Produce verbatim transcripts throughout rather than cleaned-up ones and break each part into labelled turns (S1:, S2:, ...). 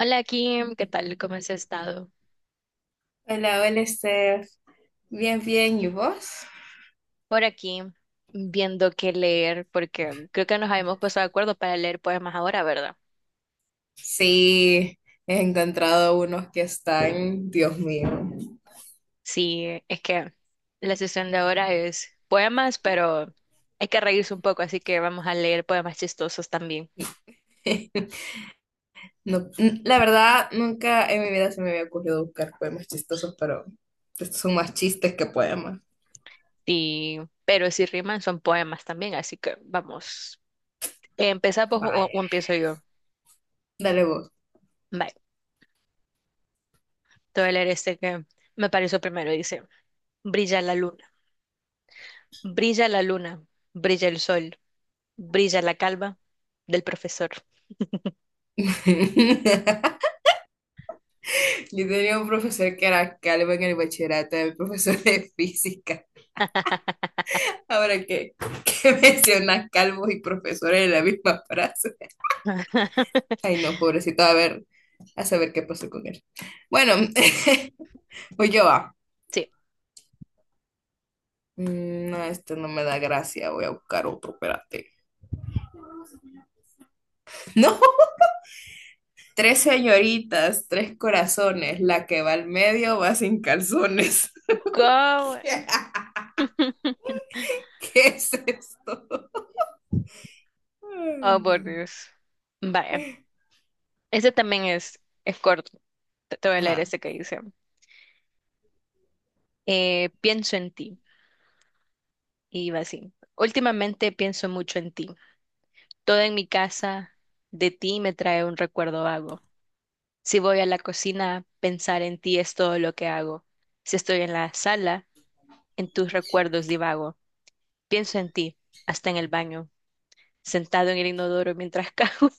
S1: Hola Kim, ¿qué tal? ¿Cómo has estado?
S2: Hola, hola Steph. Bien, bien, ¿y vos?
S1: Por aquí, viendo qué leer, porque creo que nos habíamos puesto de acuerdo para leer poemas ahora, ¿verdad?
S2: Sí, he encontrado unos que están, Dios mío.
S1: Sí, es que la sesión de ahora es poemas, pero hay que reírse un poco, así que vamos a leer poemas chistosos también.
S2: No, n- la verdad, nunca en mi vida se me había ocurrido buscar poemas chistosos, pero estos son más chistes que poemas.
S1: Y, pero si riman son poemas también, así que vamos. ¿Empezamos o,
S2: Vaya,
S1: o empiezo yo?
S2: dale vos.
S1: Vale, te voy a leer este que me pareció primero. Dice, brilla la luna, brilla la luna, brilla el sol, brilla la calma del profesor.
S2: Yo tenía un profesor que era calvo en el bachillerato, era mi profesor de física. Ahora que, que mencionas calvos y profesores en la misma frase. Ay, no, pobrecito, a ver, a saber qué pasó con él. Bueno, voy yo a.
S1: Sí.
S2: Mm, No, esto no me da gracia, voy a buscar otro, espérate. No, tres señoritas, tres corazones, la que va al medio va sin calzones.
S1: Go-
S2: ¿Qué es esto?
S1: Oh, por
S2: Ay,
S1: Dios. Vaya, ese también es, es corto. Te te voy a leer
S2: ajá.
S1: ese que dice. Eh, pienso en ti. Y va así. Últimamente pienso mucho en ti. Todo en mi casa de ti me trae un recuerdo vago. Si voy a la cocina, pensar en ti es todo lo que hago. Si estoy en la sala, en tus recuerdos divago. Pienso en ti, hasta en el baño, sentado en el inodoro mientras cago.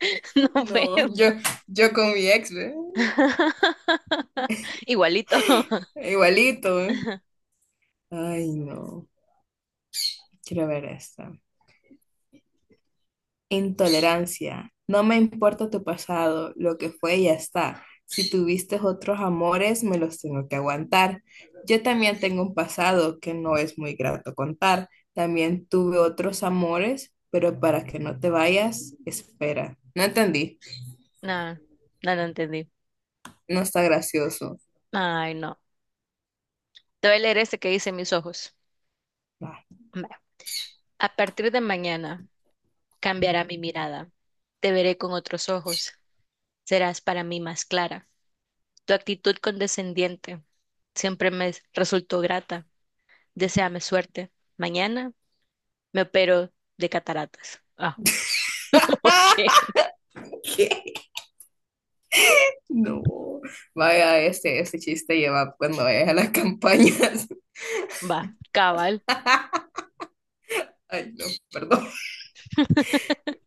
S1: No puedo.
S2: No, yo, yo con mi ex, ¿ve?
S1: Igualito.
S2: Igualito, ¿eh? Ay, no, quiero ver esta. Intolerancia. No me importa tu pasado, lo que fue ya está. Si tuviste otros amores, me los tengo que aguantar. Yo también tengo un pasado que no es muy grato contar. También tuve otros amores, pero para que no te vayas, espera. No entendí.
S1: No, no lo entendí.
S2: No está gracioso.
S1: Ay, no. Te voy a leer este que dice mis ojos.
S2: Va.
S1: Va. A partir de mañana cambiará mi mirada. Te veré con otros ojos. Serás para mí más clara. Tu actitud condescendiente siempre me resultó grata. Deséame suerte. Mañana me opero de cataratas. Ah, ok.
S2: ¿Qué? No. Vaya, este, este chiste lleva cuando vayas a las campañas.
S1: Va, cabal.
S2: Ay, no, perdón.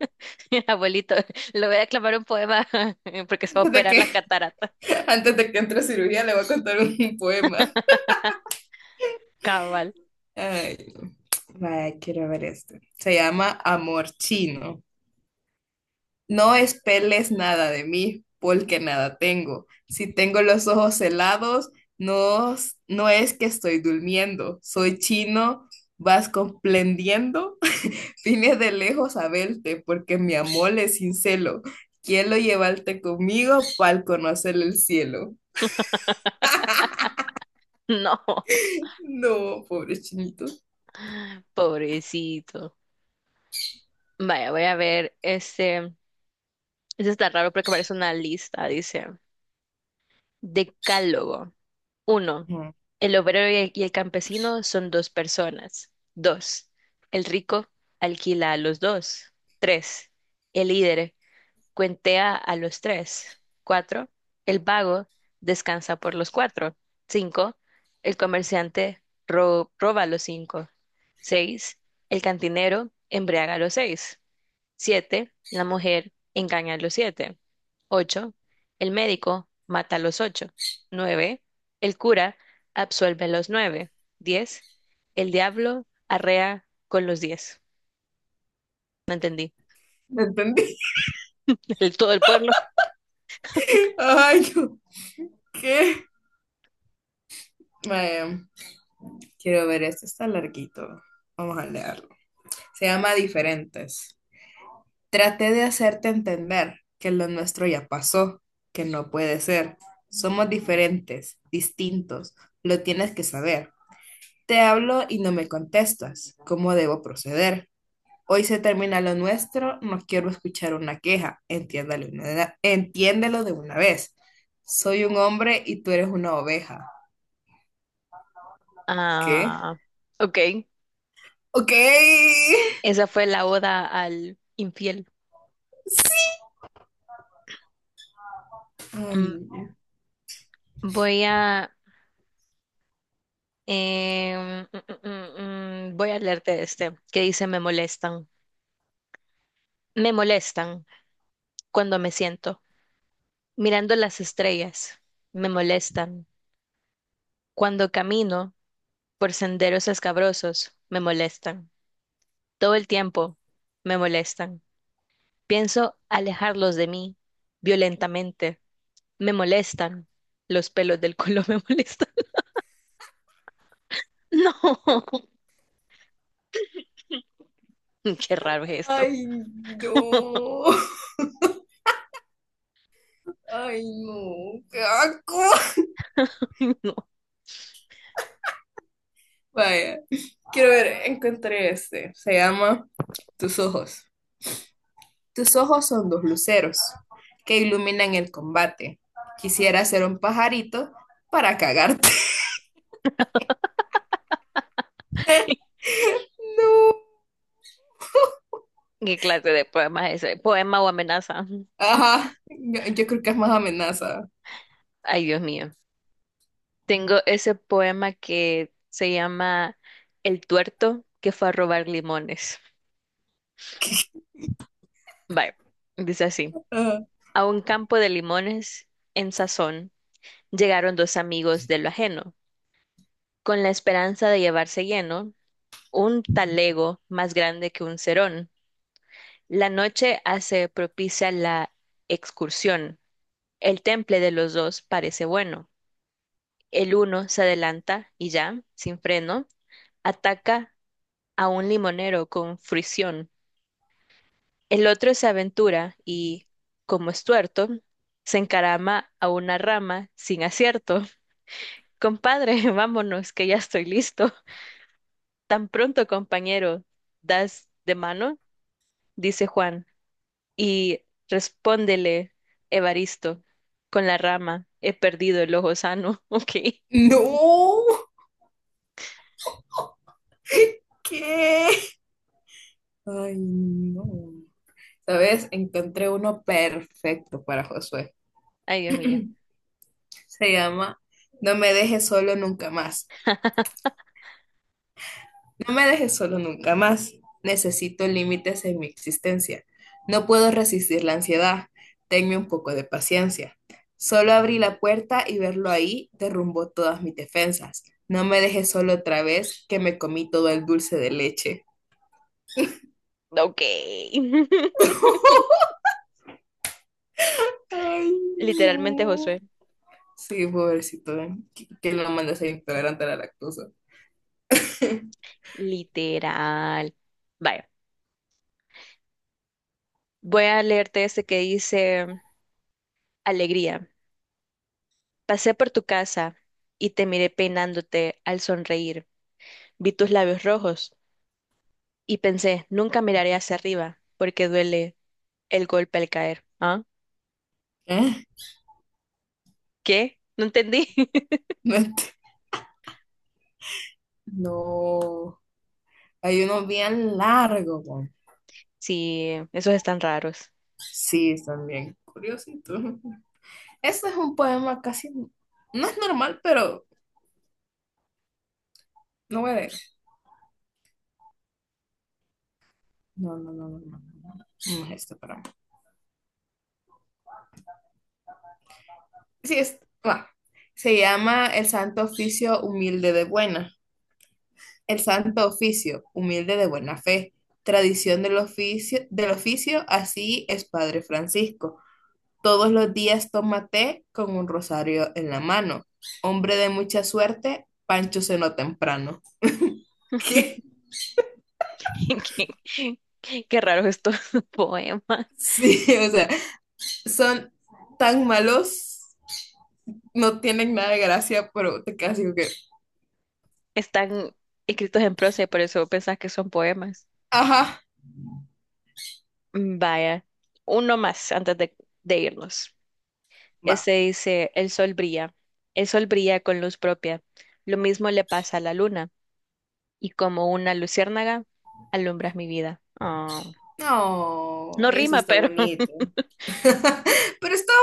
S1: Abuelito, le voy a declamar un poema porque se va a
S2: Antes de
S1: operar
S2: que,
S1: las cataratas.
S2: antes de que entre a cirugía, le voy a contar un poema.
S1: Cabal.
S2: Ay, no. Vaya, quiero ver este. Se llama Amor Chino. No espeles nada de mí, porque nada tengo. Si tengo los ojos helados, no, s- no es que estoy durmiendo. Soy chino, vas comprendiendo. Vine de lejos a verte, porque mi amor es sin. Quiero llevarte conmigo para conocer el cielo.
S1: No,
S2: No, pobre chinito.
S1: pobrecito. Vaya, voy a ver. Este, este está raro porque parece una lista. Dice, Decálogo. Uno,
S2: Ujú.
S1: el obrero y el, y el campesino son dos personas. Dos, el rico alquila a los dos. Tres, el líder cuentea a los tres. Cuatro, el vago descansa por los cuatro. Cinco, el comerciante ro- roba a los cinco. Seis, el cantinero embriaga a los seis. Siete, la mujer engaña a los siete. Ocho, el médico mata a los ocho. Nueve, el cura absuelve a los nueve. Diez, el diablo arrea con los diez. No entendí.
S2: ¿Me entendí?
S1: El, todo el pueblo.
S2: Ay, no. ¿Qué? Vaya. Quiero ver, este está larguito. Vamos a leerlo. Se llama Diferentes. Traté de hacerte entender que lo nuestro ya pasó, que no puede ser. Somos diferentes, distintos. Lo tienes que saber. Te hablo y no me contestas. ¿Cómo debo proceder? Hoy se termina lo nuestro, no quiero escuchar una queja. Entiéndalo, una- entiéndelo de una vez. Soy un hombre y tú eres una oveja. ¿Qué?
S1: Ah, ok.
S2: Ok. Ay,
S1: Esa fue la oda al infiel. Mm,
S2: no.
S1: Voy a, em, mm, mm, mm, mm, voy a leerte este, que dice, me molestan. Me molestan cuando me siento, mirando las estrellas. Me molestan. Cuando camino por senderos escabrosos, me molestan. Todo el tiempo, me molestan. Pienso alejarlos de mí, violentamente. Me molestan. Los pelos del culo me molestan. No, qué raro es esto.
S2: Ay, no. Ay, no. Qué asco.
S1: No.
S2: Vaya. Quiero ver, encontré este. Se llama Tus ojos. Tus ojos son dos luceros que iluminan el combate. Quisiera ser un pajarito para cagarte. No.
S1: ¿Qué clase de poema es ese? ¿Poema o amenaza?
S2: Ajá. Yo, yo creo que es más amenaza.
S1: Ay, Dios mío. Tengo ese poema que se llama El tuerto que fue a robar limones. Bye. Dice así.
S2: Ah,
S1: A un campo de limones en sazón llegaron dos amigos de lo ajeno, con la esperanza de llevarse lleno un talego más grande que un cerón. La noche hace propicia la excursión. El temple de los dos parece bueno. El uno se adelanta y ya, sin freno, ataca a un limonero con fricción. El otro se aventura y, como es tuerto, se encarama a una rama sin acierto. Compadre, vámonos, que ya estoy listo. Tan pronto, compañero, das de mano, dice Juan, y respóndele Evaristo con la rama. He perdido el ojo sano. Ok.
S2: no. ¿Qué? Ay, no. ¿Sabes? Encontré uno perfecto para Josué.
S1: Ay, Dios mío.
S2: Se llama No me dejes solo nunca más. No me dejes solo nunca más. Necesito límites en mi existencia. No puedo resistir la ansiedad. Tenme un poco de paciencia. Solo abrí la puerta y verlo ahí derrumbó todas mis defensas. No me dejes solo otra vez que me comí todo el dulce de leche.
S1: Ok.
S2: Ay,
S1: Literalmente,
S2: no.
S1: Josué.
S2: Sí, pobrecito, ¿eh?, que, que lo mandas a intolerante a la lactosa.
S1: Literal. Vaya, voy a leerte este que dice, Alegría, pasé por tu casa y te miré peinándote al sonreír. Vi tus labios rojos y pensé, nunca miraré hacia arriba porque duele el golpe al caer. ¿Ah?
S2: ¿Eh?
S1: ¿Qué? No entendí.
S2: No. ent- No. Hay unos bien largo, con-
S1: Sí, esos están raros.
S2: Sí, están bien curiositos. Este es un poema casi, no es normal, pero no voy a leer. No, no, no, no, no, no, no es este, pero bueno. Sí, es, va. Se llama El Santo Oficio Humilde de Buena. El Santo Oficio Humilde de Buena Fe. Tradición del oficio, del oficio, así es Padre Francisco. Todos los días toma té con un rosario en la mano. Hombre de mucha suerte, Pancho cenó temprano. ¿Qué?
S1: Qué, qué raros estos poemas.
S2: Sí, o sea, son tan malos, no tienen nada de gracia, pero te quedas así como que,
S1: Están escritos en prosa y por eso pensás que son poemas.
S2: ajá,
S1: Vaya, uno más antes de de irnos.
S2: va.
S1: Este dice, el sol brilla, el sol brilla con luz propia. Lo mismo le pasa a la luna, y como una luciérnaga, alumbras mi vida. Ah,
S2: No,
S1: no
S2: eso
S1: rima,
S2: está
S1: pero
S2: bonito. Pero está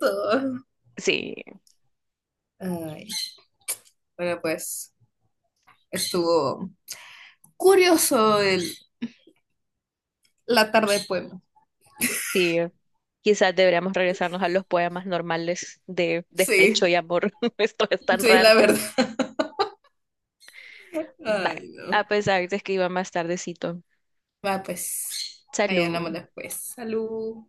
S2: bonito.
S1: sí,
S2: Ay, bueno, pues estuvo curioso el, la tarde de poema.
S1: sí. Quizás deberíamos regresarnos a los poemas normales de
S2: Sí,
S1: despecho y amor. Esto es tan
S2: sí, la
S1: raro.
S2: verdad.
S1: Va,
S2: Ay, no.
S1: a pesar de que iba más tardecito.
S2: Va, pues, ahí hablamos
S1: Salud.
S2: después. Salud.